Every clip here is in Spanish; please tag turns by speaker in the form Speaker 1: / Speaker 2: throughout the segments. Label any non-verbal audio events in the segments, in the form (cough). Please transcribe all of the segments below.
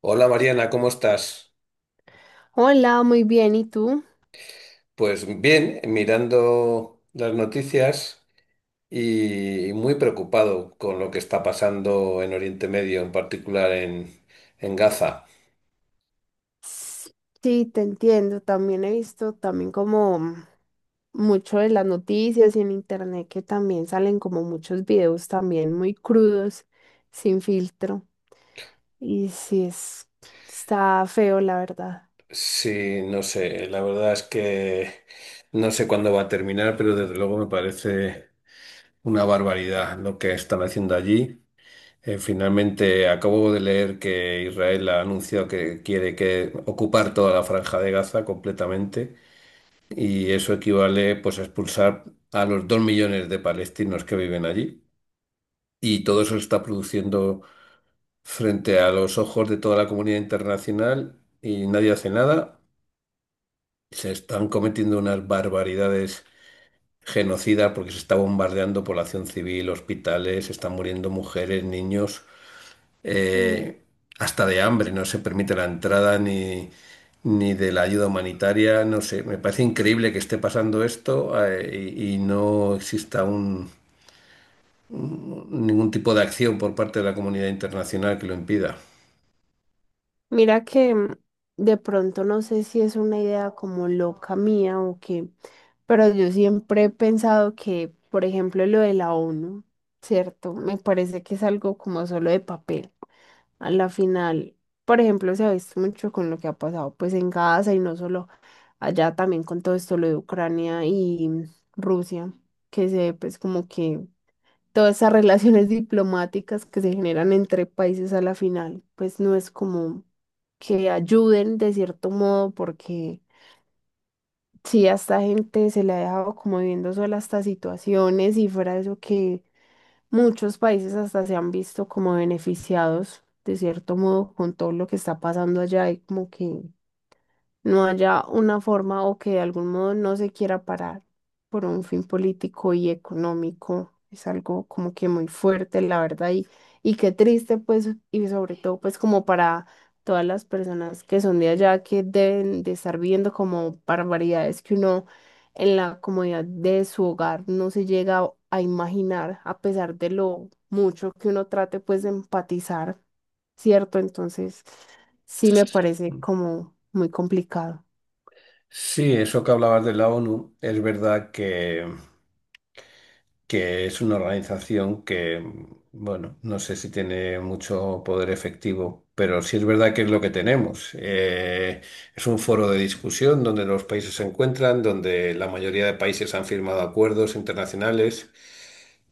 Speaker 1: Hola Mariana, ¿cómo estás?
Speaker 2: Hola, muy bien, ¿y tú?
Speaker 1: Pues bien, mirando las noticias y muy preocupado con lo que está pasando en Oriente Medio, en particular en Gaza.
Speaker 2: S- Sí, te entiendo. También he visto también como mucho de las noticias y en internet que también salen como muchos videos también muy crudos, sin filtro. Y sí es, está feo, la verdad.
Speaker 1: Sí, no sé, la verdad es que no sé cuándo va a terminar, pero desde luego me parece una barbaridad lo que están haciendo allí. Finalmente acabo de leer que Israel ha anunciado que quiere que ocupar toda la franja de Gaza completamente. Y eso equivale pues a expulsar a los 2 millones de palestinos que viven allí. Y todo eso se está produciendo frente a los ojos de toda la comunidad internacional y nadie hace nada. Se están cometiendo unas barbaridades genocidas porque se está bombardeando población civil, hospitales, se están muriendo mujeres, niños. eh, Hasta de hambre, no se permite la entrada ni, ni de la ayuda humanitaria, no sé, me parece increíble que esté pasando esto y no exista ningún tipo de acción por parte de la comunidad internacional que lo impida.
Speaker 2: Mira que de pronto no sé si es una idea como loca mía o qué, pero yo siempre he pensado que, por ejemplo, lo de la ONU, ¿cierto? Me parece que es algo como solo de papel. A la final, por ejemplo, se ha visto mucho con lo que ha pasado pues en Gaza y no solo allá, también con todo esto lo de Ucrania y Rusia, que se ve pues como que todas esas relaciones diplomáticas que se generan entre países a la final, pues no es como que ayuden de cierto modo, porque sí, a esta gente se le ha dejado como viviendo sola estas situaciones y fuera de eso que muchos países hasta se han visto como beneficiados de cierto modo con todo lo que está pasando allá y como que no haya una forma o que de algún modo no se quiera parar por un fin político y económico. Es algo como que muy fuerte, la verdad, y qué triste, pues, y sobre todo, pues, como para todas las personas que son de allá, que deben de estar viendo como barbaridades que uno en la comodidad de su hogar no se llega a imaginar, a pesar de lo mucho que uno trate, pues, de empatizar. ¿Cierto? Entonces, sí me parece como muy complicado.
Speaker 1: Sí, eso que hablabas de la ONU, es verdad que es una organización que, bueno, no sé si tiene mucho poder efectivo, pero sí es verdad que es lo que tenemos. Es un foro de discusión donde los países se encuentran, donde la mayoría de países han firmado acuerdos internacionales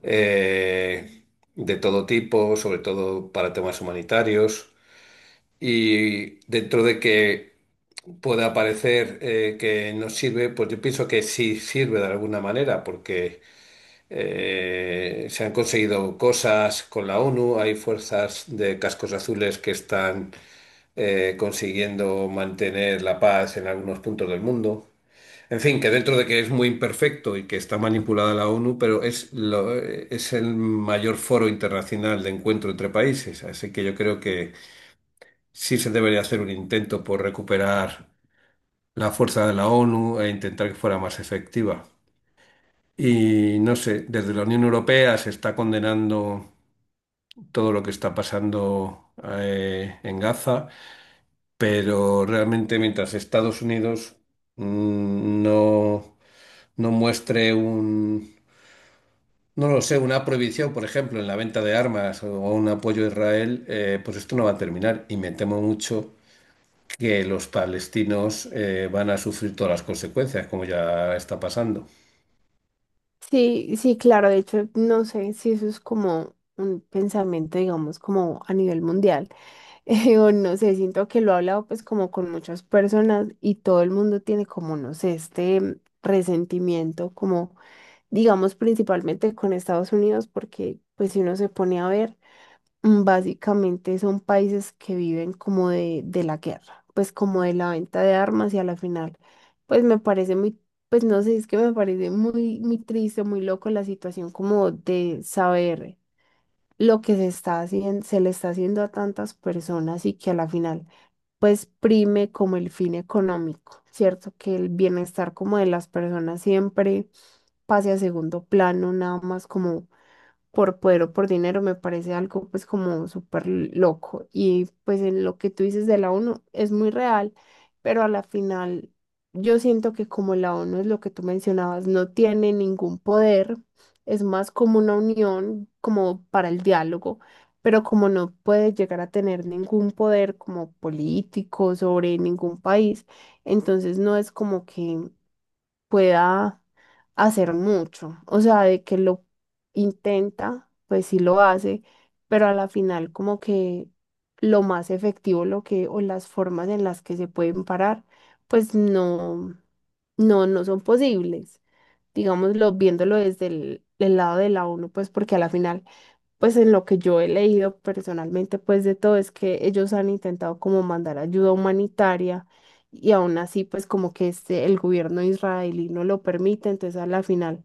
Speaker 1: eh, de todo tipo, sobre todo para temas humanitarios. Y dentro de que pueda parecer que no sirve, pues yo pienso que sí sirve de alguna manera, porque... se han conseguido cosas con la ONU, hay fuerzas de cascos azules que están consiguiendo mantener la paz en algunos puntos del mundo. En fin, que dentro de que es muy imperfecto y que está manipulada la ONU, pero es, es el mayor foro internacional de encuentro entre países, así que yo creo que sí se debería hacer un intento por recuperar la fuerza de la ONU e intentar que fuera más efectiva. Y no sé, desde la Unión Europea se está condenando todo lo que está pasando en Gaza, pero realmente mientras Estados Unidos no, no muestre un, no lo sé, una prohibición, por ejemplo, en la venta de armas o un apoyo a Israel, pues esto no va a terminar. Y me temo mucho que los palestinos van a sufrir todas las consecuencias, como ya está pasando.
Speaker 2: Sí, sí, claro, de hecho, no sé si eso es como un pensamiento, digamos, como a nivel mundial, (laughs) o no sé, siento que lo he hablado pues como con muchas personas y todo el mundo tiene como, no sé, este resentimiento como, digamos, principalmente con Estados Unidos, porque pues si uno se pone a ver... Básicamente son países que viven como de la guerra, pues como de la venta de armas y a la final, pues me parece muy, pues no sé, es que me parece muy, muy triste, muy loco la situación como de saber lo que se está haciendo, se le está haciendo a tantas personas y que a la final pues prime como el fin económico, ¿cierto? Que el bienestar como de las personas siempre pase a segundo plano, nada más como por poder o por dinero me parece algo pues como súper loco. Y pues en lo que tú dices de la ONU es muy real, pero a la final yo siento que como la ONU es lo que tú mencionabas, no tiene ningún poder, es más como una unión, como para el diálogo. Pero como no puede llegar a tener ningún poder como político sobre ningún país, entonces no es como que pueda hacer mucho. O sea, de que lo intenta, pues sí lo hace, pero a la final como que lo más efectivo, lo que, o las formas en las que se pueden parar, pues no, no, no son posibles digámoslo, viéndolo desde el lado de la ONU, pues porque a la final, pues en lo que yo he leído personalmente, pues de todo es que ellos han intentado como mandar ayuda humanitaria y aún así, pues como que este, el gobierno israelí no lo permite, entonces a la final,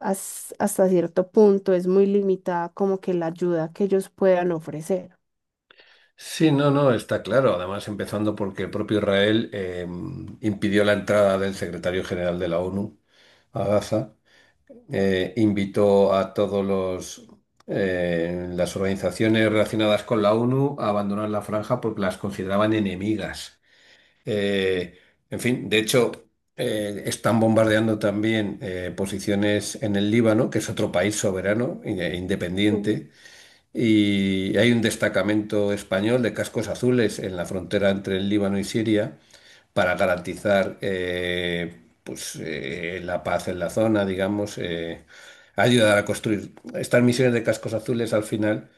Speaker 2: hasta cierto punto es muy limitada como que la ayuda que ellos puedan ofrecer.
Speaker 1: Sí, no, no, está claro. Además, empezando porque el propio Israel impidió la entrada del secretario general de la ONU a Gaza, invitó a todos los las organizaciones relacionadas con la ONU a abandonar la franja porque las consideraban enemigas. Eh, en fin, de hecho, están bombardeando también posiciones en el Líbano, que es otro país soberano, e independiente y hay un destacamento español de cascos azules en la frontera entre el Líbano y Siria para garantizar pues, la paz en la zona, digamos, ayudar a construir. Estas misiones de cascos azules al final,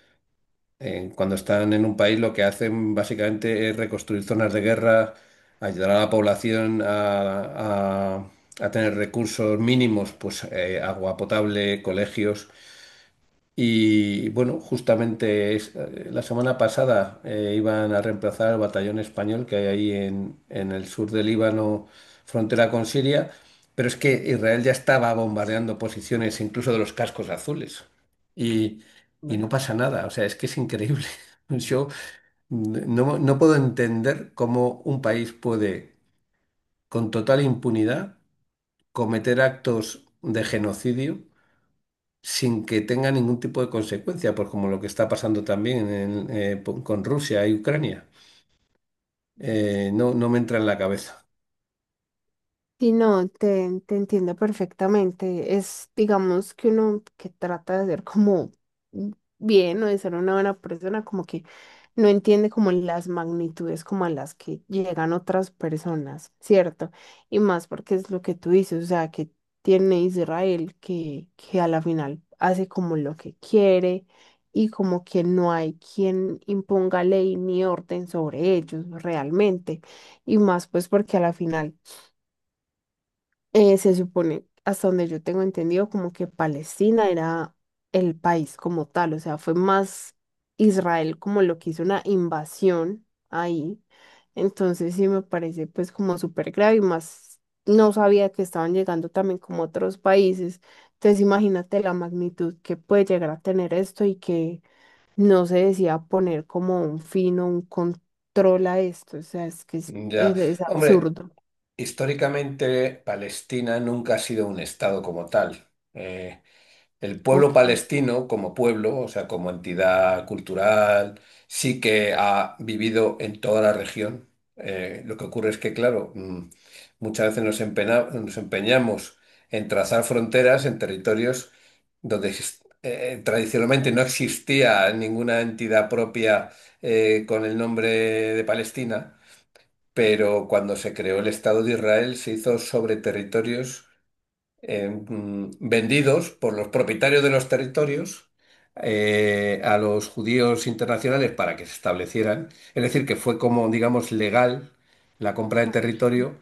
Speaker 1: cuando están en un país, lo que hacen básicamente es reconstruir zonas de guerra, ayudar a la población a tener recursos mínimos, pues agua potable, colegios y bueno, justamente la semana pasada iban a reemplazar al batallón español que hay ahí en el sur del Líbano, frontera con Siria, pero es que Israel ya estaba bombardeando posiciones incluso de los cascos azules y, y
Speaker 2: Mm.
Speaker 1: no pasa nada, o sea, es que es increíble. (laughs) Yo no, no puedo entender cómo un país puede con total impunidad cometer actos de genocidio sin que tenga ningún tipo de consecuencia, pues como lo que está pasando también con Rusia y Ucrania. No, no me entra en la cabeza.
Speaker 2: Sí, no, te entiendo perfectamente. Es, digamos, que uno que trata de ser como bien o de ser una buena persona, como que no entiende como las magnitudes como a las que llegan otras personas, ¿cierto? Y más porque es lo que tú dices, o sea, que tiene Israel que a la final hace como lo que quiere y como que no hay quien imponga ley ni orden sobre ellos realmente. Y más pues porque a la final se supone, hasta donde yo tengo entendido, como que Palestina era el país como tal, o sea, fue más Israel como lo que hizo una invasión ahí. Entonces sí me parece pues como súper grave y más no sabía que estaban llegando también como otros países. Entonces imagínate la magnitud que puede llegar a tener esto y que no se decía poner como un fin o un control a esto, o sea, es que
Speaker 1: Ya,
Speaker 2: es
Speaker 1: hombre,
Speaker 2: absurdo.
Speaker 1: históricamente Palestina nunca ha sido un estado como tal. El pueblo
Speaker 2: Ok.
Speaker 1: palestino como pueblo, o sea, como entidad cultural, sí que ha vivido en toda la región. Lo que ocurre es que, claro, muchas veces nos empeñamos en trazar fronteras en territorios donde tradicionalmente no existía ninguna entidad propia con el nombre de Palestina, pero cuando se creó el Estado de Israel se hizo sobre territorios vendidos por los propietarios de los territorios a los judíos internacionales para que se establecieran. Es decir, que fue como, digamos, legal la compra de territorio,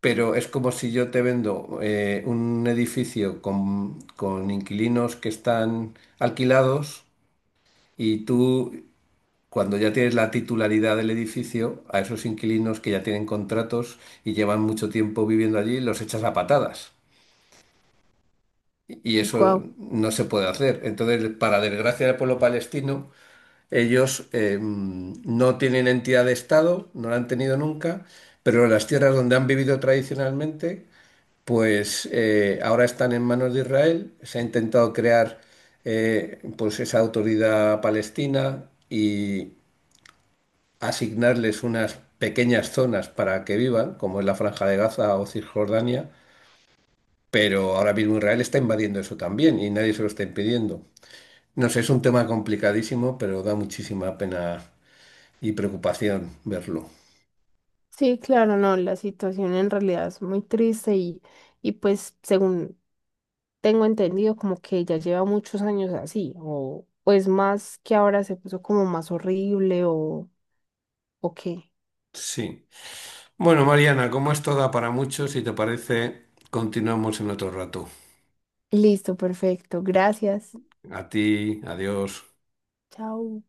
Speaker 1: pero es como si yo te vendo un edificio con inquilinos que están alquilados y tú... cuando ya tienes la titularidad del edificio, a esos inquilinos que ya tienen contratos y llevan mucho tiempo viviendo allí, los echas a patadas. Y eso
Speaker 2: Guau.
Speaker 1: no se puede hacer. Entonces, para desgracia del pueblo palestino, ellos no tienen entidad de Estado, no la han tenido nunca, pero las tierras donde han vivido tradicionalmente, pues ahora están en manos de Israel. Se ha intentado crear pues esa autoridad palestina y asignarles unas pequeñas zonas para que vivan, como es la Franja de Gaza o Cisjordania. Pero ahora mismo Israel está invadiendo eso también y nadie se lo está impidiendo. No sé, es un tema complicadísimo, pero da muchísima pena y preocupación verlo.
Speaker 2: Sí, claro, no, la situación en realidad es muy triste y pues según tengo entendido como que ya lleva muchos años así, o pues más que ahora se puso como más horrible o qué.
Speaker 1: Sí. Bueno, Mariana, como esto da para mucho, si te parece, continuamos en otro rato.
Speaker 2: Listo, perfecto, gracias.
Speaker 1: A ti, adiós.
Speaker 2: Chao.